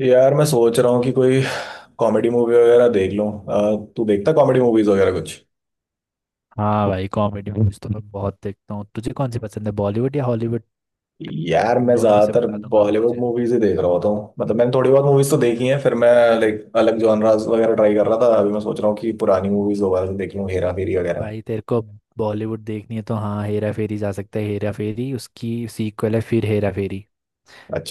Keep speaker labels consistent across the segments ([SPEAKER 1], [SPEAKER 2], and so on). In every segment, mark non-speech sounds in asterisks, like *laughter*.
[SPEAKER 1] यार मैं सोच रहा हूँ कि कोई कॉमेडी मूवी वगैरह देख लूँ। तू देखता कॉमेडी मूवीज वगैरह कुछ।
[SPEAKER 2] हाँ भाई, कॉमेडी मूवीज तो मैं बहुत देखता हूँ। तुझे कौन सी पसंद है, बॉलीवुड या हॉलीवुड?
[SPEAKER 1] यार
[SPEAKER 2] उन
[SPEAKER 1] मैं
[SPEAKER 2] दोनों में से
[SPEAKER 1] ज्यादातर
[SPEAKER 2] बता दूंगा मैं
[SPEAKER 1] बॉलीवुड
[SPEAKER 2] तुझे।
[SPEAKER 1] मूवीज ही देख रहा होता हूँ। मतलब मैंने थोड़ी बहुत मूवीज तो देखी हैं। फिर मैं लाइक अलग जॉनरास वगैरह ट्राई कर रहा था। अभी मैं सोच रहा हूँ कि पुरानी मूवीज दोबारा से देख लूँ, हेरा फेरी वगैरह।
[SPEAKER 2] भाई, तेरे को बॉलीवुड देखनी है तो हाँ, हेरा फेरी जा सकता है। हेरा फेरी उसकी सीक्वल है, फिर हेरा फेरी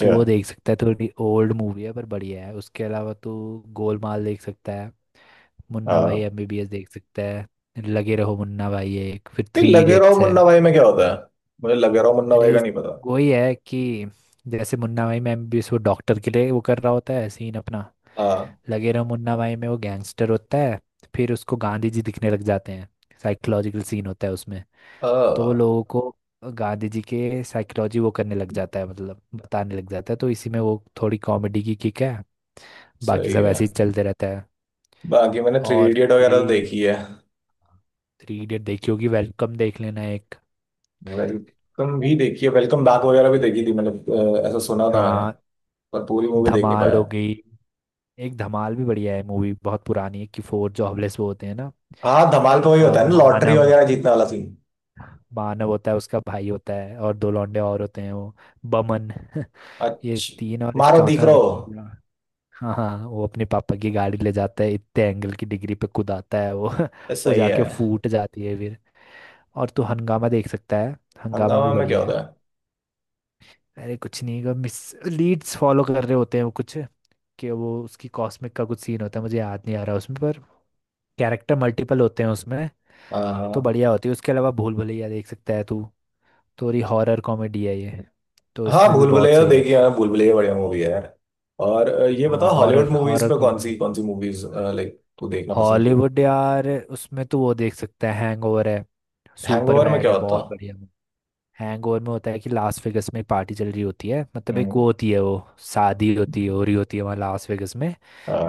[SPEAKER 2] तो वो देख सकता है। थोड़ी ओल्ड मूवी है पर बढ़िया है। उसके अलावा तो गोलमाल देख सकता है। मुन्ना भाई
[SPEAKER 1] हाँ।
[SPEAKER 2] एमबीबीएस देख सकता है। लगे रहो मुन्ना भाई है एक, फिर
[SPEAKER 1] ये
[SPEAKER 2] थ्री
[SPEAKER 1] लगे रहो
[SPEAKER 2] इडियट्स है।
[SPEAKER 1] मुन्ना भाई में क्या होता है? मुझे लगे रहो मुन्ना भाई
[SPEAKER 2] अरे,
[SPEAKER 1] का नहीं पता।
[SPEAKER 2] वही है कि जैसे मुन्ना भाई में भी वो डॉक्टर के लिए वो कर रहा होता है सीन अपना।
[SPEAKER 1] हाँ,
[SPEAKER 2] लगे रहो मुन्ना भाई में वो गैंगस्टर होता है। फिर उसको गांधी जी दिखने लग जाते हैं। साइकोलॉजिकल सीन होता है उसमें। तो वो
[SPEAKER 1] हाँ,
[SPEAKER 2] लोगों को गांधी जी के साइकोलॉजी वो करने लग जाता है, मतलब बताने लग जाता है, तो इसी में वो थोड़ी कॉमेडी की किक है। बाकी
[SPEAKER 1] सही
[SPEAKER 2] सब
[SPEAKER 1] है।
[SPEAKER 2] ऐसे ही चलते रहता है।
[SPEAKER 1] बाकी मैंने थ्री
[SPEAKER 2] और
[SPEAKER 1] इडियट वगैरह
[SPEAKER 2] थ्री
[SPEAKER 1] तो देखी है।
[SPEAKER 2] थ्री इडियट देखी होगी, वेलकम देख लेना एक।
[SPEAKER 1] वेलकम भी देखी है। वेलकम बैक वगैरह भी देखी थी। मतलब ऐसा सुना था मैंने।
[SPEAKER 2] हाँ,
[SPEAKER 1] पर पूरी मूवी देख नहीं
[SPEAKER 2] धमाल
[SPEAKER 1] पाया।
[SPEAKER 2] होगी। एक धमाल भी बढ़िया है, मूवी बहुत पुरानी है, कि फोर जो हवलेस वो होते हैं ना।
[SPEAKER 1] हाँ, धमाल का वही
[SPEAKER 2] अ,
[SPEAKER 1] होता है ना, लॉटरी
[SPEAKER 2] मानव
[SPEAKER 1] वगैरह जीतने वाला सीन।
[SPEAKER 2] मानव होता है, उसका भाई होता है और दो लौंडे और होते हैं वो, बमन। *laughs* ये
[SPEAKER 1] अच्छा।
[SPEAKER 2] तीन और एक
[SPEAKER 1] मारो दीख
[SPEAKER 2] चौथा
[SPEAKER 1] रो।
[SPEAKER 2] बंदा। हाँ, हाँ, वो अपने पापा की गाड़ी ले जाता है, इतने एंगल की डिग्री पे कूदाता है वो,
[SPEAKER 1] ये
[SPEAKER 2] *laughs* वो
[SPEAKER 1] सही
[SPEAKER 2] जाके
[SPEAKER 1] है।
[SPEAKER 2] फूट जाती है फिर। और तू हंगामा देख सकता है। हंगामा भी
[SPEAKER 1] हंगामा में क्या
[SPEAKER 2] बढ़िया है।
[SPEAKER 1] होता है?
[SPEAKER 2] अरे कुछ नहीं, का मिस लीड्स फॉलो कर रहे होते हैं वो कुछ, कि वो उसकी कॉस्मिक का कुछ सीन होता है, मुझे याद नहीं आ रहा उसमें, पर कैरेक्टर मल्टीपल होते हैं उसमें।
[SPEAKER 1] हाँ,
[SPEAKER 2] तो
[SPEAKER 1] हाँ।
[SPEAKER 2] बढ़िया होती है। उसके अलावा भूल भुलैया देख सकता है तू। थोड़ी हॉरर कॉमेडी है ये। तो
[SPEAKER 1] हाँ,
[SPEAKER 2] इसमें भी
[SPEAKER 1] भूल
[SPEAKER 2] बहुत
[SPEAKER 1] भुलैया
[SPEAKER 2] सही रहता
[SPEAKER 1] देखिए। हाँ, भूल भुलैया बढ़िया मूवी है यार। और ये
[SPEAKER 2] है। हाँ,
[SPEAKER 1] बताओ हॉलीवुड
[SPEAKER 2] हॉरर,
[SPEAKER 1] मूवीज
[SPEAKER 2] हॉरर
[SPEAKER 1] पे
[SPEAKER 2] कॉमेडी।
[SPEAKER 1] कौन सी मूवीज लाइक तू देखना पसंद।
[SPEAKER 2] हॉलीवुड यार, उसमें तो वो देख सकता है, हैंगओवर है। सुपर
[SPEAKER 1] हैंगओवर में
[SPEAKER 2] बैड
[SPEAKER 1] क्या
[SPEAKER 2] है,
[SPEAKER 1] होता?
[SPEAKER 2] बहुत बढ़िया। हैंगओवर में होता है कि लास वेगस में एक पार्टी चल रही होती है, मतलब एक
[SPEAKER 1] हम्म।
[SPEAKER 2] वो होती है वो, शादी होती है, हो रही होती है वहाँ लास वेगस में।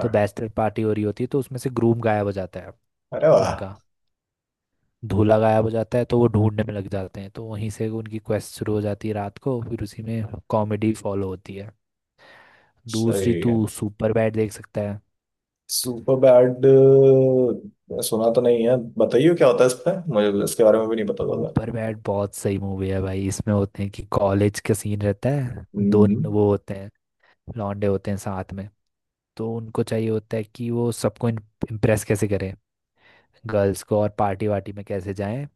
[SPEAKER 2] तो बैचलर पार्टी हो रही होती है, तो उसमें से ग्रूम गायब हो जाता है
[SPEAKER 1] अरे वाह।
[SPEAKER 2] उनका, धूला गायब हो जाता है, तो वो ढूंढने में लग जाते हैं, तो वहीं से उनकी क्वेस्ट शुरू हो जाती है रात को, फिर उसी में कॉमेडी फॉलो होती है। दूसरी,
[SPEAKER 1] सही है।
[SPEAKER 2] तू सुपर बैड देख सकता है।
[SPEAKER 1] Superbad. सुना तो नहीं है, बताइए क्या होता है इस पे। मुझे इसके बारे में भी नहीं पता होगा।
[SPEAKER 2] ऊपर बैड बहुत सही मूवी है भाई, इसमें होते हैं कि कॉलेज का सीन रहता है, दो
[SPEAKER 1] हम्म।
[SPEAKER 2] वो होते हैं, लौंडे होते हैं साथ में। तो उनको चाहिए होता है कि वो सबको इम्प्रेस कैसे करें, गर्ल्स को, और पार्टी वार्टी में कैसे जाएं।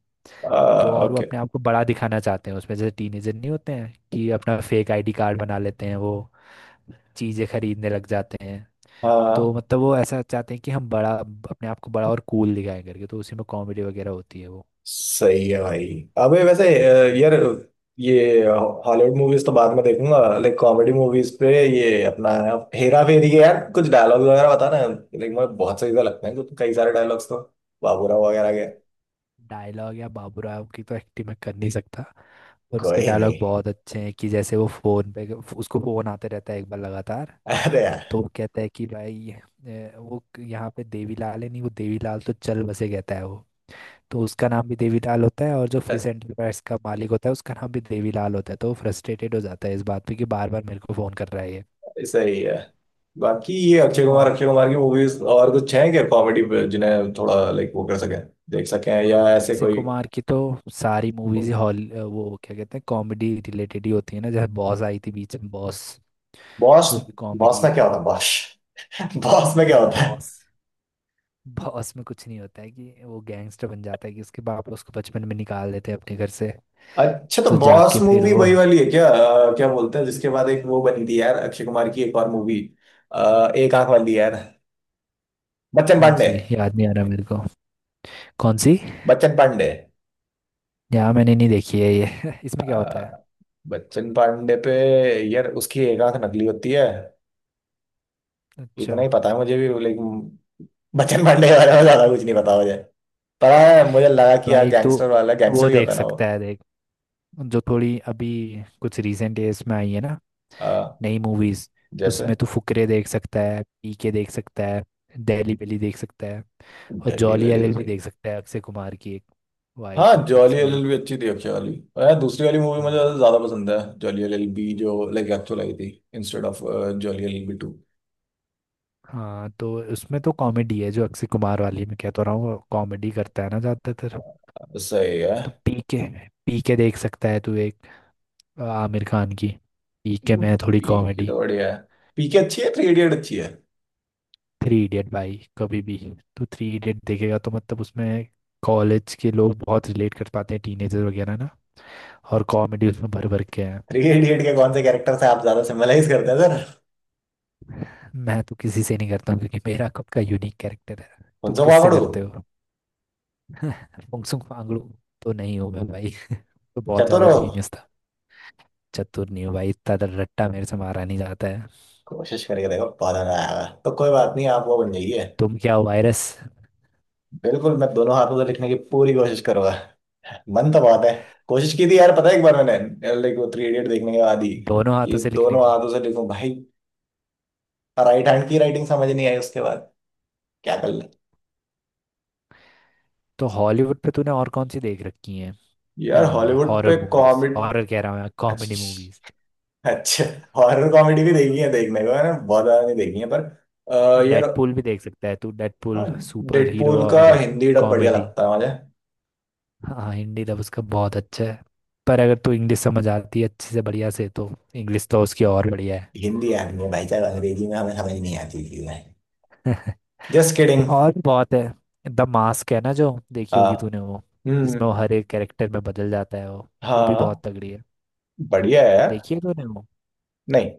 [SPEAKER 2] तो और वो
[SPEAKER 1] ओके।
[SPEAKER 2] अपने आप को बड़ा दिखाना चाहते हैं उसमें, जैसे टीनेजर नहीं होते हैं कि अपना फेक आईडी कार्ड बना लेते हैं, वो चीज़ें खरीदने लग जाते हैं। तो
[SPEAKER 1] हाँ।
[SPEAKER 2] मतलब वो ऐसा चाहते हैं कि हम बड़ा, अपने आप को बड़ा और कूल दिखाएं करके, तो उसी में कॉमेडी वगैरह होती है वो।
[SPEAKER 1] सही है भाई। अबे वैसे यार ये हॉलीवुड मूवीज तो बाद में देखूंगा। लाइक कॉमेडी मूवीज पे ये अपना हेरा फेरी के यार कुछ डायलॉग वगैरह बता ना। लाइक मुझे बहुत सही से लगते हैं कई सारे डायलॉग्स तो, बाबूराव वगैरह के।
[SPEAKER 2] डायलॉग, या बाबू राव की तो एक्टिंग मैं कर नहीं सकता। पर उसके
[SPEAKER 1] कोई नहीं।
[SPEAKER 2] डायलॉग बहुत अच्छे हैं, कि जैसे वो फोन पे उसको फोन आते रहता है एक बार लगातार।
[SPEAKER 1] अरे यार।
[SPEAKER 2] तो वो कहता है कि भाई, वो यहाँ पे देवीलाल है नहीं, वो देवीलाल तो चल बसे, कहता है वो। तो उसका नाम भी देवीलाल होता है, और जो फिश एंटरप्राइज का मालिक होता है उसका नाम भी देवीलाल होता है, तो वो फ्रस्ट्रेटेड हो जाता है इस बात पे कि बार बार मेरे को फ़ोन कर रहा है ये।
[SPEAKER 1] सही है। बाकी ये अक्षय कुमार, अक्षय कुमार की मूवीज और कुछ हैं क्या कॉमेडी पे, जिन्हें थोड़ा लाइक वो कर सकें, देख सकें, या ऐसे
[SPEAKER 2] अक्षय
[SPEAKER 1] कोई।
[SPEAKER 2] कुमार की तो सारी मूवीज, हॉल वो क्या कहते हैं, कॉमेडी रिलेटेड ही होती है ना, जैसे बॉस आई थी बीच में, बॉस,
[SPEAKER 1] बॉस।
[SPEAKER 2] वो भी
[SPEAKER 1] बॉस
[SPEAKER 2] कॉमेडी
[SPEAKER 1] में क्या होता
[SPEAKER 2] थी।
[SPEAKER 1] है? बॉस *laughs* बॉस में क्या होता?
[SPEAKER 2] बॉस, बॉस में कुछ नहीं होता है, कि वो गैंगस्टर बन जाता है, कि उसके बाप उसको बचपन में निकाल देते हैं अपने घर से।
[SPEAKER 1] अच्छा, तो
[SPEAKER 2] तो जाके
[SPEAKER 1] बॉस
[SPEAKER 2] फिर
[SPEAKER 1] मूवी
[SPEAKER 2] वो,
[SPEAKER 1] वही वाली है क्या? क्या बोलते हैं जिसके बाद एक वो बनी थी यार, अक्षय कुमार की एक और मूवी, एक आंख वाली यार। बच्चन
[SPEAKER 2] कौन
[SPEAKER 1] पांडे।
[SPEAKER 2] सी याद नहीं आ रहा मेरे को, कौन सी।
[SPEAKER 1] बच्चन पांडे।
[SPEAKER 2] यहाँ मैंने नहीं देखी है ये। *laughs* इसमें क्या होता
[SPEAKER 1] अ,
[SPEAKER 2] है?
[SPEAKER 1] बच्चन पांडे पे यार उसकी एक आंख नकली होती है।
[SPEAKER 2] अच्छा,
[SPEAKER 1] इतना ही पता है मुझे भी, लेकिन बच्चन पांडे के बारे में ज्यादा कुछ नहीं पता मुझे। पर हाँ, मुझे लगा कि यार
[SPEAKER 2] भाई तो
[SPEAKER 1] गैंगस्टर वाला गैंगस्टर
[SPEAKER 2] वो
[SPEAKER 1] ही होता
[SPEAKER 2] देख
[SPEAKER 1] है ना वो।
[SPEAKER 2] सकता है, देख, जो थोड़ी अभी कुछ रिसेंट एज में आई है ना,
[SPEAKER 1] अ,
[SPEAKER 2] नई मूवीज।
[SPEAKER 1] जैसे।
[SPEAKER 2] उसमें तो फुकरे देख सकता है, पीके देख सकता है, दहली बेली देख सकता है, और
[SPEAKER 1] दिल्ली
[SPEAKER 2] जॉली
[SPEAKER 1] वैली
[SPEAKER 2] एल
[SPEAKER 1] तो
[SPEAKER 2] एल भी
[SPEAKER 1] सही।
[SPEAKER 2] देख सकता है, अक्षय कुमार की एक। वो आई
[SPEAKER 1] हाँ,
[SPEAKER 2] थी,
[SPEAKER 1] जॉली
[SPEAKER 2] जिसमें
[SPEAKER 1] एल एल
[SPEAKER 2] वो।
[SPEAKER 1] भी अच्छी थी अक्षय वाली। और यार दूसरी वाली मूवी मुझे
[SPEAKER 2] हाँ
[SPEAKER 1] ज्यादा पसंद है, जॉली एल एल बी जो लाइक एक्चुअल आई थी, instead of jolly L L B two.
[SPEAKER 2] हाँ, तो उसमें तो कॉमेडी है, जो अक्षय कुमार वाली मैं कहता रहा हूँ, कॉमेडी करता है ना ज्यादातर।
[SPEAKER 1] सही है।
[SPEAKER 2] तो पीके, पीके देख सकता है तू एक, आमिर खान की। पीके में है थोड़ी
[SPEAKER 1] पीके
[SPEAKER 2] कॉमेडी।
[SPEAKER 1] तो बढ़िया है। पीके अच्छी है। थ्री इडियट अच्छी है।
[SPEAKER 2] थ्री इडियट भाई, कभी भी तू थ्री इडियट देखेगा तो मतलब उसमें कॉलेज के लोग बहुत रिलेट कर पाते हैं, टीनेजर वगैरह ना, और कॉमेडी उसमें भर भर के है।
[SPEAKER 1] थ्री इडियट के कौन से कैरेक्टर से आप ज्यादा सिमिलाइज करते हैं सर?
[SPEAKER 2] मैं तो किसी से नहीं करता हूँ, क्योंकि मेरा खुद का यूनिक कैरेक्टर है, तुम
[SPEAKER 1] उनसे
[SPEAKER 2] किससे
[SPEAKER 1] पकड़ू।
[SPEAKER 2] करते हो? फुंगसुक फांगड़ू तो नहीं हो मैं भाई। तो बहुत
[SPEAKER 1] चतुर
[SPEAKER 2] ज्यादा
[SPEAKER 1] हो।
[SPEAKER 2] जीनियस था। चतुर नहीं हो भाई, इतना ज्यादा रट्टा मेरे से मारा नहीं जाता है।
[SPEAKER 1] कोशिश करके देखो, पता ना आएगा तो कोई बात नहीं, आप वो बन जाइए।
[SPEAKER 2] तुम क्या हो, वायरस?
[SPEAKER 1] बिल्कुल, मैं दोनों हाथों से लिखने की पूरी कोशिश करूंगा। मन तो बहुत है। कोशिश की थी यार, पता है एक बार मैंने लाइक वो थ्री इडियट देखने के बाद ही
[SPEAKER 2] दोनों हाथों
[SPEAKER 1] कि
[SPEAKER 2] से लिखने
[SPEAKER 1] दोनों
[SPEAKER 2] की।
[SPEAKER 1] हाथों से लिखूं भाई। राइट हैंड की राइटिंग समझ नहीं आई उसके बाद, क्या कर ले।
[SPEAKER 2] तो हॉलीवुड पे तूने और कौन सी देख रखी है?
[SPEAKER 1] यार हॉलीवुड
[SPEAKER 2] हॉरर
[SPEAKER 1] पे
[SPEAKER 2] मूवीज,
[SPEAKER 1] कॉमेडी।
[SPEAKER 2] हॉरर कह रहा हूँ, कॉमेडी मूवीज।
[SPEAKER 1] अच्छा। अच्छा। हॉरर कॉमेडी भी देखी है देखने को, मैंने बहुत ज्यादा नहीं देखी है, पर यार।
[SPEAKER 2] डेडपूल भी देख सकता है तू,
[SPEAKER 1] हाँ।
[SPEAKER 2] डेडपूल सुपर हीरो
[SPEAKER 1] डेडपूल का
[SPEAKER 2] और
[SPEAKER 1] हिंदी डब बढ़िया
[SPEAKER 2] कॉमेडी।
[SPEAKER 1] लगता है मुझे।
[SPEAKER 2] हाँ, हिंदी तो उसका बहुत अच्छा है। पर अगर तू इंग्लिश समझ आती है अच्छे से, बढ़िया से, तो इंग्लिश तो उसकी और बढ़िया
[SPEAKER 1] हिंदी आदमी है भाई साहब, अंग्रेजी में हमें समझ नहीं आती चीजें।
[SPEAKER 2] है।
[SPEAKER 1] Just kidding.
[SPEAKER 2] *laughs* और भी बहुत है। द मास्क है ना, जो देखी
[SPEAKER 1] हाँ।
[SPEAKER 2] होगी तूने वो, जिसमें
[SPEAKER 1] हम्म।
[SPEAKER 2] वो हर एक कैरेक्टर में बदल जाता है वो भी बहुत
[SPEAKER 1] हाँ।
[SPEAKER 2] तगड़ी है।
[SPEAKER 1] बढ़िया है यार।
[SPEAKER 2] देखी है तूने वो?
[SPEAKER 1] नहीं।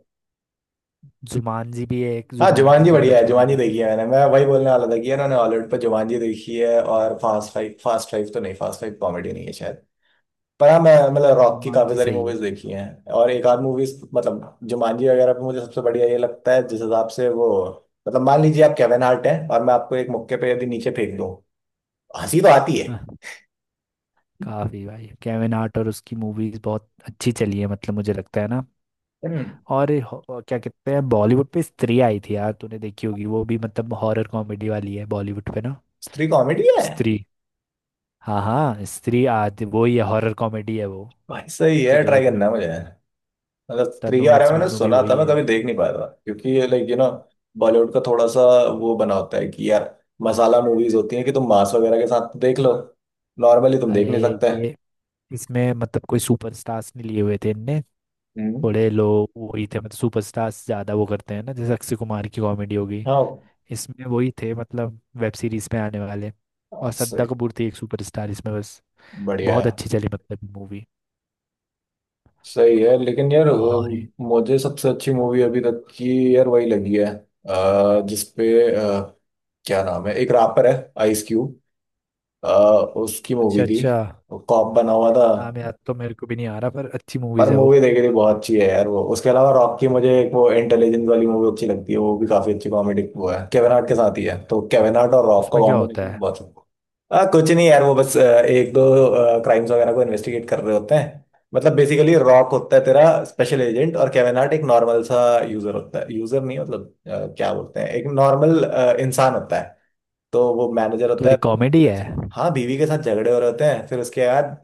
[SPEAKER 2] जुमानजी भी है एक,
[SPEAKER 1] हाँ,
[SPEAKER 2] जुमानजी
[SPEAKER 1] जुमानजी
[SPEAKER 2] तूने
[SPEAKER 1] बढ़िया है।
[SPEAKER 2] बचपन में
[SPEAKER 1] जुमानजी
[SPEAKER 2] देखी,
[SPEAKER 1] देखी है मैंने। मैं वही बोलने वाला था कि उन्होंने हॉलीवुड पर जुमानजी देखी है। और फास्ट फाइव, फास्ट फाइव तो नहीं, फास्ट फाइव कॉमेडी नहीं है शायद। पर हाँ मैं मतलब रॉक की काफी
[SPEAKER 2] जुमानजी
[SPEAKER 1] सारी
[SPEAKER 2] सही है।
[SPEAKER 1] मूवीज देखी हैं। और एक आध मूवीज मतलब जुमानजी वगैरह पे मुझे सबसे बढ़िया ये लगता है जिस हिसाब से वो। मतलब मान लीजिए आप केविन हार्ट हैं और मैं आपको एक मुक्के पे यदि नीचे फेंक दूं, हंसी तो आती है।
[SPEAKER 2] हाँ, काफी भाई, केविन हार्ट और उसकी मूवीज बहुत अच्छी चली है, मतलब मुझे लगता है ना।
[SPEAKER 1] हम्म।
[SPEAKER 2] और ये वो क्या कहते हैं, बॉलीवुड पे स्त्री आई थी यार, तूने देखी होगी वो भी, मतलब हॉरर कॉमेडी वाली है बॉलीवुड पे ना।
[SPEAKER 1] स्त्री कॉमेडी है?
[SPEAKER 2] स्त्री, हाँ हाँ, स्त्री आज वो ही है, हॉरर कॉमेडी है वो।
[SPEAKER 1] भाई सही
[SPEAKER 2] तू
[SPEAKER 1] है, ट्राई करना
[SPEAKER 2] देखना।
[SPEAKER 1] है मुझे। मतलब स्त्री के
[SPEAKER 2] तन्नू
[SPEAKER 1] बारे में
[SPEAKER 2] एड्स
[SPEAKER 1] मैंने
[SPEAKER 2] मन्नू भी
[SPEAKER 1] सुना
[SPEAKER 2] वही
[SPEAKER 1] था, मैं
[SPEAKER 2] है।
[SPEAKER 1] कभी देख नहीं पाया था क्योंकि ये लाइक यू नो बॉलीवुड का थोड़ा सा वो बना होता है कि यार मसाला मूवीज होती हैं कि तुम मांस वगैरह के साथ तो देख लो, नॉर्मली तुम देख
[SPEAKER 2] अरे
[SPEAKER 1] नहीं सकते।
[SPEAKER 2] ये, इसमें मतलब कोई सुपरस्टार्स नहीं लिए हुए थे इनने।
[SPEAKER 1] हम्म।
[SPEAKER 2] थोड़े लोग वही थे, मतलब सुपरस्टार्स ज्यादा वो करते हैं ना, जैसे अक्षय कुमार की कॉमेडी होगी,
[SPEAKER 1] हाँ।
[SPEAKER 2] इसमें वही थे, मतलब वेब सीरीज में आने वाले। और श्रद्धा
[SPEAKER 1] सही।
[SPEAKER 2] कपूर थी एक सुपरस्टार इसमें बस।
[SPEAKER 1] बढ़िया
[SPEAKER 2] बहुत
[SPEAKER 1] है।
[SPEAKER 2] अच्छी चली, मतलब मूवी।
[SPEAKER 1] सही है लेकिन यार
[SPEAKER 2] और
[SPEAKER 1] मुझे सबसे अच्छी मूवी अभी तक की यार वही लगी है, जिसपे अ, क्या नाम है, एक रैपर है, आइस क्यूब, उसकी मूवी
[SPEAKER 2] अच्छा,
[SPEAKER 1] थी,
[SPEAKER 2] अच्छा,
[SPEAKER 1] कॉप बना हुआ था।
[SPEAKER 2] नाम याद तो मेरे को भी नहीं आ रहा, पर अच्छी
[SPEAKER 1] पर
[SPEAKER 2] मूवीज है वो।
[SPEAKER 1] मूवी देखी थी, बहुत अच्छी है यार वो। उसके अलावा रॉक की मुझे एक वो इंटेलिजेंस वाली मूवी अच्छी लगती है, वो भी काफी अच्छी कॉमेडी वो है, केविन हार्ट के साथ ही है, तो केविन हार्ट और रॉक का
[SPEAKER 2] उसमें क्या होता
[SPEAKER 1] कॉम्बिनेशन
[SPEAKER 2] है?
[SPEAKER 1] बहुत सुंदर। कुछ नहीं यार, वो बस एक दो क्राइम्स वगैरह को इन्वेस्टिगेट कर रहे होते हैं। मतलब बेसिकली रॉक होता है तेरा स्पेशल एजेंट, और केविन हार्ट एक नॉर्मल सा यूजर होता है, यूजर नहीं मतलब क्या बोलते हैं, एक नॉर्मल इंसान होता है। तो वो मैनेजर
[SPEAKER 2] तो
[SPEAKER 1] होता है,
[SPEAKER 2] एक
[SPEAKER 1] बीवी के
[SPEAKER 2] कॉमेडी
[SPEAKER 1] साथ
[SPEAKER 2] है।
[SPEAKER 1] हाँ बीवी के साथ झगड़े हो रहे होते हैं, फिर उसके बाद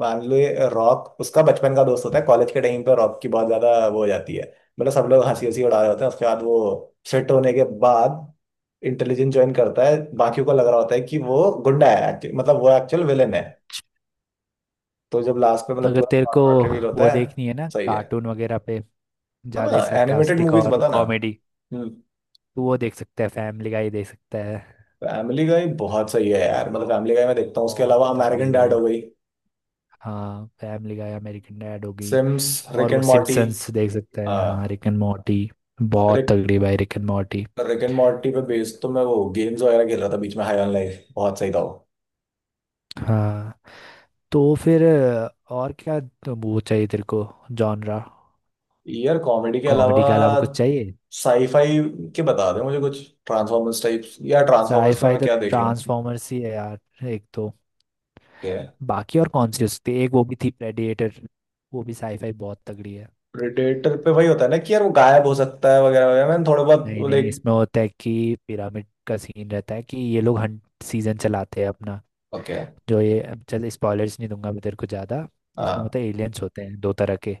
[SPEAKER 1] मान लो ये रॉक उसका बचपन का दोस्त होता है कॉलेज के टाइम पे, रॉक की बहुत ज्यादा वो हो जाती है, मतलब सब लोग हंसी हंसी उड़ा रहे होते हैं। उसके बाद वो फिट होने के बाद इंटेलिजेंस ज्वाइन करता है, बाकियों को लग रहा होता है कि वो गुंडा है, मतलब वो एक्चुअल विलेन है। तो जब लास्ट में मतलब
[SPEAKER 2] अगर तेरे को
[SPEAKER 1] पूरा रिवील
[SPEAKER 2] वो
[SPEAKER 1] होता है।
[SPEAKER 2] देखनी है ना,
[SPEAKER 1] सही है।
[SPEAKER 2] कार्टून वगैरह पे ज्यादा
[SPEAKER 1] हाँ, एनिमेटेड
[SPEAKER 2] सरकास्टिक
[SPEAKER 1] मूवीज
[SPEAKER 2] और
[SPEAKER 1] बता ना।
[SPEAKER 2] कॉमेडी,
[SPEAKER 1] हम्म।
[SPEAKER 2] तो वो देख सकता है, फैमिली गाय देख सकता है।
[SPEAKER 1] फैमिली गाय बहुत सही है यार, मतलब फैमिली गाय मैं देखता हूँ। उसके
[SPEAKER 2] बहुत
[SPEAKER 1] अलावा
[SPEAKER 2] तगड़ी
[SPEAKER 1] अमेरिकन डैड
[SPEAKER 2] भाई।
[SPEAKER 1] हो गई,
[SPEAKER 2] हाँ, फैमिली गाय, अमेरिकन डैड होगी।
[SPEAKER 1] सिम्स, रिक
[SPEAKER 2] और वो
[SPEAKER 1] एंड मॉर्टी।
[SPEAKER 2] सिम्पसन्स देख सकता है, हाँ,
[SPEAKER 1] हाँ।
[SPEAKER 2] रिक एंड मॉर्टी।
[SPEAKER 1] अरे,
[SPEAKER 2] बहुत तगड़ी भाई Rick and Morty.
[SPEAKER 1] Rick and Morty पे बेस्ड तो मैं वो गेम्स वगैरह खेल रहा था बीच में, हाई ऑन लाइफ बहुत सही था वो।
[SPEAKER 2] हाँ, तो फिर और क्या, तो वो चाहिए तेरे को जॉनरा?
[SPEAKER 1] यार कॉमेडी के
[SPEAKER 2] कॉमेडी
[SPEAKER 1] अलावा
[SPEAKER 2] के अलावा कुछ चाहिए?
[SPEAKER 1] साईफाई के बता दे मुझे कुछ, ट्रांसफॉर्मर्स टाइप्स या ट्रांसफॉर्मर्स पे
[SPEAKER 2] साईफाई
[SPEAKER 1] मैं
[SPEAKER 2] तो
[SPEAKER 1] क्या देख लूँ?
[SPEAKER 2] ट्रांसफॉर्मर्स ही है यार एक तो,
[SPEAKER 1] क्या?
[SPEAKER 2] बाकी और कौन सी हो सकती है, एक वो भी थी प्रेडिएटर, वो भी साईफाई बहुत तगड़ी है।
[SPEAKER 1] प्रेडेटर पे वही होता है ना कि यार वो गायब हो सकता है वगैरह वगैरह, मैंने थोड़ा
[SPEAKER 2] नहीं
[SPEAKER 1] बहुत
[SPEAKER 2] नहीं,
[SPEAKER 1] लाइक।
[SPEAKER 2] इसमें होता है कि पिरामिड का सीन रहता है, कि ये लोग हंट सीजन चलाते हैं अपना,
[SPEAKER 1] ओके।
[SPEAKER 2] जो ये, अब चल, स्पॉयलर्स नहीं दूंगा मैं तेरे को ज़्यादा। इसमें
[SPEAKER 1] हाँ।
[SPEAKER 2] होता है, एलियंस होते हैं दो तरह के,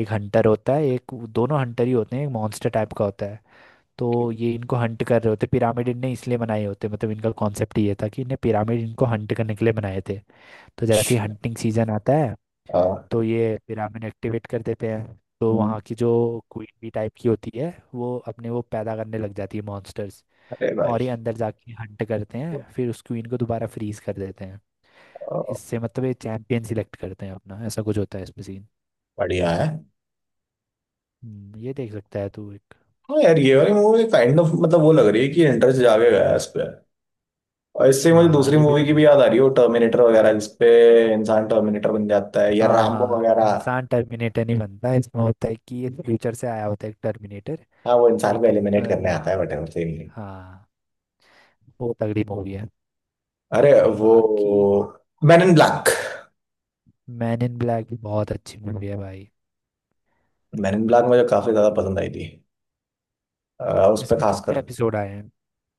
[SPEAKER 2] एक हंटर होता है एक, दोनों हंटर ही होते हैं, एक मॉन्स्टर टाइप का होता है। तो
[SPEAKER 1] okay,
[SPEAKER 2] ये इनको हंट कर रहे होते, पिरामिड इनने इसलिए बनाए होते, मतलब इनका कॉन्सेप्ट ये था कि इन्हें, पिरामिड इनको हंट करने के लिए बनाए थे। तो जैसे ही हंटिंग सीजन आता है,
[SPEAKER 1] हाँ,
[SPEAKER 2] तो ये पिरामिड एक्टिवेट कर देते हैं। तो
[SPEAKER 1] हम्म,
[SPEAKER 2] वहाँ की जो क्वीन बी टाइप की होती है, वो अपने वो पैदा करने लग जाती है, मॉन्स्टर्स।
[SPEAKER 1] अरे
[SPEAKER 2] और
[SPEAKER 1] भाई
[SPEAKER 2] ये अंदर जाके हंट करते हैं, फिर उस क्वीन को दोबारा फ्रीज कर देते हैं।
[SPEAKER 1] अ,
[SPEAKER 2] इससे मतलब ये चैंपियन सिलेक्ट करते हैं अपना, ऐसा कुछ होता है इसमें सीन।
[SPEAKER 1] बढ़िया है।
[SPEAKER 2] ये देख सकता है तू एक।
[SPEAKER 1] हाँ यार, ये वाली मूवी काइंड ऑफ, मतलब वो लग रही है कि इंटरेस्ट जागेगा इस पे। और इससे मुझे
[SPEAKER 2] हाँ,
[SPEAKER 1] दूसरी
[SPEAKER 2] ये भी
[SPEAKER 1] मूवी की
[SPEAKER 2] बढ़िया
[SPEAKER 1] भी
[SPEAKER 2] है।
[SPEAKER 1] याद आ रही है, वो टर्मिनेटर वगैरह जिसपे इंसान टर्मिनेटर बन जाता है, या
[SPEAKER 2] हाँ
[SPEAKER 1] रामबो
[SPEAKER 2] हाँ,
[SPEAKER 1] वगैरह।
[SPEAKER 2] इंसान टर्मिनेटर नहीं बनता, इसमें होता है कि ये फ्यूचर से आया होता है एक टर्मिनेटर।
[SPEAKER 1] हाँ, वो इंसान को
[SPEAKER 2] एक
[SPEAKER 1] एलिमिनेट करने आता है, बट सेम।
[SPEAKER 2] हाँ, बहुत तगड़ी मूवी है।
[SPEAKER 1] अरे वो
[SPEAKER 2] बाकी
[SPEAKER 1] man in black.
[SPEAKER 2] Man in black भी बहुत अच्छी मूवी है भाई।
[SPEAKER 1] मैन इन ब्लैक मुझे काफी ज्यादा पसंद आई थी, उस पर
[SPEAKER 2] इसमें
[SPEAKER 1] खासकर।
[SPEAKER 2] कितने एपिसोड आए हैं?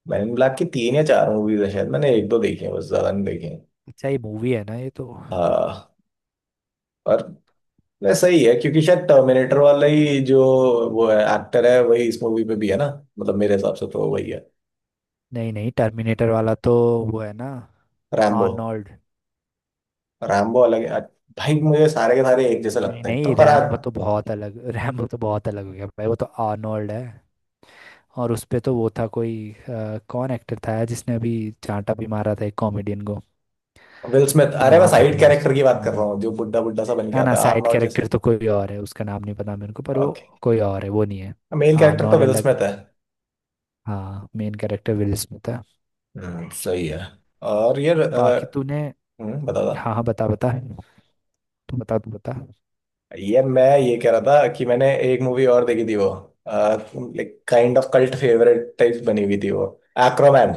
[SPEAKER 1] मैन इन ब्लैक की तीन या चार मूवीज है शायद, मैंने एक दो देखी है बस, ज्यादा नहीं देखी है।
[SPEAKER 2] अच्छा, ये मूवी है ना ये तो।
[SPEAKER 1] हाँ। और वैसे सही है क्योंकि शायद टर्मिनेटर वाला ही जो वो है एक्टर है वही इस मूवी में भी है ना, मतलब मेरे हिसाब से तो वही है।
[SPEAKER 2] नहीं नहीं, टर्मिनेटर वाला तो वो है ना,
[SPEAKER 1] रैम्बो।
[SPEAKER 2] आर्नोल्ड।
[SPEAKER 1] रैम्बो अलग है। भाई मुझे सारे के सारे एक जैसे
[SPEAKER 2] नहीं
[SPEAKER 1] लगते हैं तो,
[SPEAKER 2] नहीं,
[SPEAKER 1] पर
[SPEAKER 2] रैम्बो तो बहुत अलग, *laughs* रैम्बो तो बहुत अलग हो गया भाई, वो तो आर्नोल्ड है। और उस पे तो वो था कोई, कौन एक्टर था यार, जिसने अभी चांटा भी मारा था एक कॉमेडियन को,
[SPEAKER 1] विल स्मिथ। अरे मैं
[SPEAKER 2] नाम बोल
[SPEAKER 1] साइड
[SPEAKER 2] रहा हूँ
[SPEAKER 1] कैरेक्टर की
[SPEAKER 2] उसका।
[SPEAKER 1] बात कर रहा हूँ जो बुड्ढा बुड्ढा सा बन के
[SPEAKER 2] ना ना,
[SPEAKER 1] आता है,
[SPEAKER 2] साइड
[SPEAKER 1] आर्नोल्ड जैसे।
[SPEAKER 2] कैरेक्टर तो कोई और है, उसका नाम नहीं पता मेरे को पर वो
[SPEAKER 1] ओके।
[SPEAKER 2] कोई और है, वो नहीं है।
[SPEAKER 1] मेन कैरेक्टर तो
[SPEAKER 2] आर्नोल्ड
[SPEAKER 1] विल
[SPEAKER 2] अलग है।
[SPEAKER 1] स्मिथ है।
[SPEAKER 2] हाँ, मेन कैरेक्टर विल स्मिथ है।
[SPEAKER 1] सही है। और ये
[SPEAKER 2] बाकी तूने,
[SPEAKER 1] बता था।
[SPEAKER 2] हाँ हाँ, बता बता, तू बता।
[SPEAKER 1] ये मैं ये कह रहा था कि मैंने एक मूवी और देखी थी वो, like kind of cult favourite type बनी हुई थी वो, एक्रोमैन।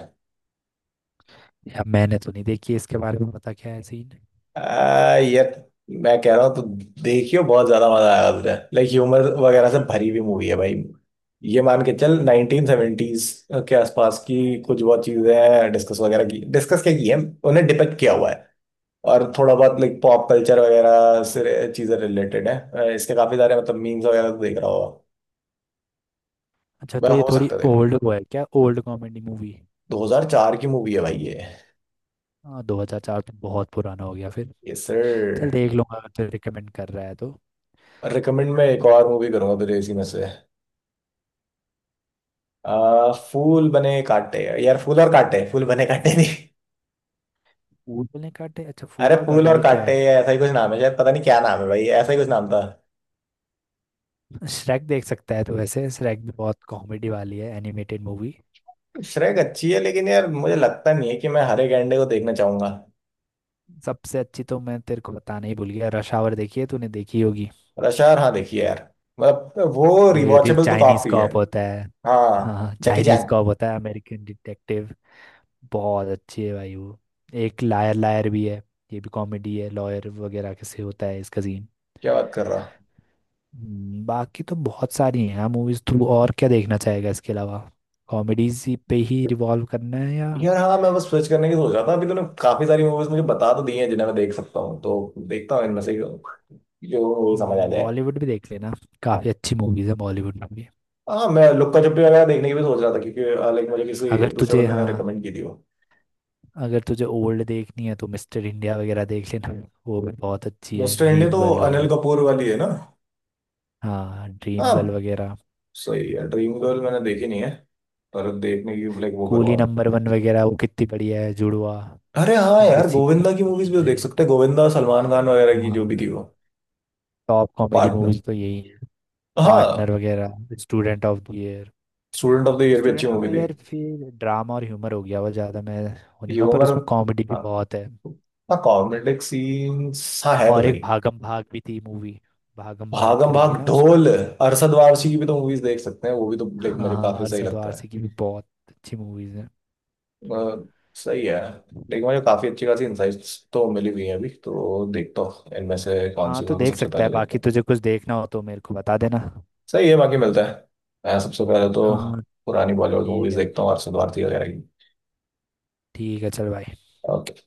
[SPEAKER 2] या मैंने तो नहीं देखी है, इसके बारे में बता क्या है सीन।
[SPEAKER 1] यार मैं कह रहा हूँ तो देखियो, बहुत ज्यादा मजा आएगा तुझे, लाइक ह्यूमर वगैरह से भरी हुई मूवी है भाई। ये मान के चल 1970s के आसपास की। कुछ बहुत चीजें हैं डिस्कस वगैरह की, डिस्कस क्या की है, उन्हें डिपेक्ट किया हुआ है। और थोड़ा बहुत लाइक पॉप कल्चर वगैरह से चीजें रिलेटेड है, इसके काफी सारे मतलब मीम्स वगैरह तो देख रहा होगा।
[SPEAKER 2] अच्छा
[SPEAKER 1] वह
[SPEAKER 2] तो ये
[SPEAKER 1] हो
[SPEAKER 2] थोड़ी
[SPEAKER 1] सकते थे।
[SPEAKER 2] ओल्ड वो है क्या, ओल्ड कॉमेडी मूवी?
[SPEAKER 1] 2004 की मूवी है भाई ये।
[SPEAKER 2] हाँ, 2004 तो बहुत पुराना हो गया फिर।
[SPEAKER 1] Yes sir.
[SPEAKER 2] चल देख लूंगा अगर तू रिकमेंड कर रहा है तो।
[SPEAKER 1] रिकमेंड मैं एक और मूवी करूंगा तुझे इसी में से। फूल बने कांटे। यार फूल और कांटे, फूल बने कांटे नहीं।
[SPEAKER 2] फूल ने काटे, अच्छा
[SPEAKER 1] अरे
[SPEAKER 2] फूल और
[SPEAKER 1] फूल
[SPEAKER 2] काटे,
[SPEAKER 1] और
[SPEAKER 2] ये क्या
[SPEAKER 1] कांटे,
[SPEAKER 2] है?
[SPEAKER 1] ऐसा ही कुछ नाम है शायद, पता नहीं क्या नाम है भाई, ऐसा ही कुछ नाम था।
[SPEAKER 2] श्रेक देख सकता है तो, वैसे श्रेक भी बहुत कॉमेडी वाली है, एनिमेटेड मूवी।
[SPEAKER 1] श्रेक अच्छी है लेकिन यार मुझे लगता नहीं है कि मैं हरे गैंडे को देखना चाहूंगा।
[SPEAKER 2] सबसे अच्छी तो मैं तेरे को बताना ही भूल गया, रश आवर देखी है तूने, देखी होगी।
[SPEAKER 1] रश यार, हाँ देखिए यार, मतलब वो
[SPEAKER 2] वो ये होती है,
[SPEAKER 1] रिवॉचेबल तो
[SPEAKER 2] चाइनीज
[SPEAKER 1] काफी है।
[SPEAKER 2] कॉप होता है।
[SPEAKER 1] हाँ,
[SPEAKER 2] हाँ,
[SPEAKER 1] जैकी
[SPEAKER 2] चाइनीज
[SPEAKER 1] चैन।
[SPEAKER 2] कॉप होता है, अमेरिकन डिटेक्टिव, बहुत अच्छी है भाई वो। एक लायर लायर भी है, ये भी कॉमेडी है, लॉयर वगैरह कैसे होता है इसका सीन।
[SPEAKER 1] क्या बात कर रहा।
[SPEAKER 2] बाकी तो बहुत सारी हैं मूवीज थ्रू, और क्या देखना चाहेगा इसके अलावा? कॉमेडीज पे ही रिवॉल्व करना है या?
[SPEAKER 1] यार हाँ, मैं बस स्विच करने की सोच रहा था। अभी तूने काफी सारी मूवीज मुझे बता तो दी हैं, जिन्हें मैं देख सकता हूँ, तो देखता हूँ इनमें से जो जो समझ आ जाए।
[SPEAKER 2] बॉलीवुड भी देख लेना, काफ़ी अच्छी मूवीज है बॉलीवुड में भी।
[SPEAKER 1] हाँ, मैं लुक्का छुपी वगैरह देखने की भी सोच रहा था, क्योंकि लाइक मुझे किसी
[SPEAKER 2] अगर
[SPEAKER 1] दूसरे
[SPEAKER 2] तुझे,
[SPEAKER 1] बंदे ने
[SPEAKER 2] हाँ,
[SPEAKER 1] रिकमेंड की थी वो।
[SPEAKER 2] अगर तुझे ओल्ड देखनी है तो मिस्टर इंडिया वगैरह देख लेना, वो भी बहुत अच्छी है,
[SPEAKER 1] मिस्टर इंडिया
[SPEAKER 2] ड्रीम
[SPEAKER 1] तो
[SPEAKER 2] गर्ल
[SPEAKER 1] अनिल
[SPEAKER 2] वगैरह।
[SPEAKER 1] कपूर वाली है ना।
[SPEAKER 2] हाँ, ड्रीम गर्ल
[SPEAKER 1] हाँ।
[SPEAKER 2] वगैरह।
[SPEAKER 1] सही है। ड्रीम गर्ल मैंने देखी नहीं है, पर देखने की लाइक वो
[SPEAKER 2] कूली
[SPEAKER 1] करूँगा मैं।
[SPEAKER 2] नंबर वन वगैरह, वो कितनी बढ़िया है, जुड़वा।
[SPEAKER 1] अरे हाँ
[SPEAKER 2] इनके
[SPEAKER 1] यार,
[SPEAKER 2] सीक्वल
[SPEAKER 1] गोविंदा की मूवीज भी तो
[SPEAKER 2] रहे
[SPEAKER 1] देख
[SPEAKER 2] हैं।
[SPEAKER 1] सकते हैं, गोविंदा सलमान खान वगैरह की जो
[SPEAKER 2] हाँ,
[SPEAKER 1] भी थी वो।
[SPEAKER 2] Top comedy
[SPEAKER 1] partner.
[SPEAKER 2] मूवीज तो यही है। पार्टनर
[SPEAKER 1] हाँ।
[SPEAKER 2] वगैरह, student of the year.
[SPEAKER 1] Student of the year भी अच्छी
[SPEAKER 2] स्टूडेंट ऑफ
[SPEAKER 1] मूवी
[SPEAKER 2] द
[SPEAKER 1] थी।
[SPEAKER 2] ईयर फिर ड्रामा और ह्यूमर हो गया वो ज़्यादा, मैं वो नहीं कहूँगा, पर
[SPEAKER 1] ह्यूमर।
[SPEAKER 2] उसमें कॉमेडी भी
[SPEAKER 1] हाँ,
[SPEAKER 2] बहुत है।
[SPEAKER 1] हाँ, कॉमेडिक सीन्स हाँ है तो
[SPEAKER 2] और
[SPEAKER 1] सही।
[SPEAKER 2] एक भागम भाग भी थी मूवी, भागम भाग
[SPEAKER 1] भागम भाग,
[SPEAKER 2] करके ना उसकी।
[SPEAKER 1] ढोल, अरशद वारसी की भी तो मूवीज देख सकते हैं, वो भी तो लाइक
[SPEAKER 2] हाँ
[SPEAKER 1] मुझे
[SPEAKER 2] हाँ,
[SPEAKER 1] काफी सही
[SPEAKER 2] अरशद
[SPEAKER 1] लगता है।
[SPEAKER 2] वारसी की भी बहुत अच्छी मूवीज हैं।
[SPEAKER 1] अ, सही है लेकिन मुझे काफ़ी अच्छी खासी इंसाइट्स तो मिली हुई हैं अभी, तो देखता हूँ इनमें से कौन
[SPEAKER 2] हाँ
[SPEAKER 1] सी
[SPEAKER 2] तो
[SPEAKER 1] मूवी
[SPEAKER 2] देख
[SPEAKER 1] सबसे
[SPEAKER 2] सकता
[SPEAKER 1] पहले
[SPEAKER 2] है,
[SPEAKER 1] देखता
[SPEAKER 2] बाकी
[SPEAKER 1] हूँ।
[SPEAKER 2] तुझे कुछ देखना हो तो मेरे को बता देना।
[SPEAKER 1] सही है, बाकी मिलता है। मैं सबसे पहले तो
[SPEAKER 2] हाँ,
[SPEAKER 1] पुरानी बॉलीवुड
[SPEAKER 2] ठीक
[SPEAKER 1] मूवीज
[SPEAKER 2] है भाई,
[SPEAKER 1] देखता हूँ, अरशद भारती वगैरह
[SPEAKER 2] ठीक है चल भाई।
[SPEAKER 1] की।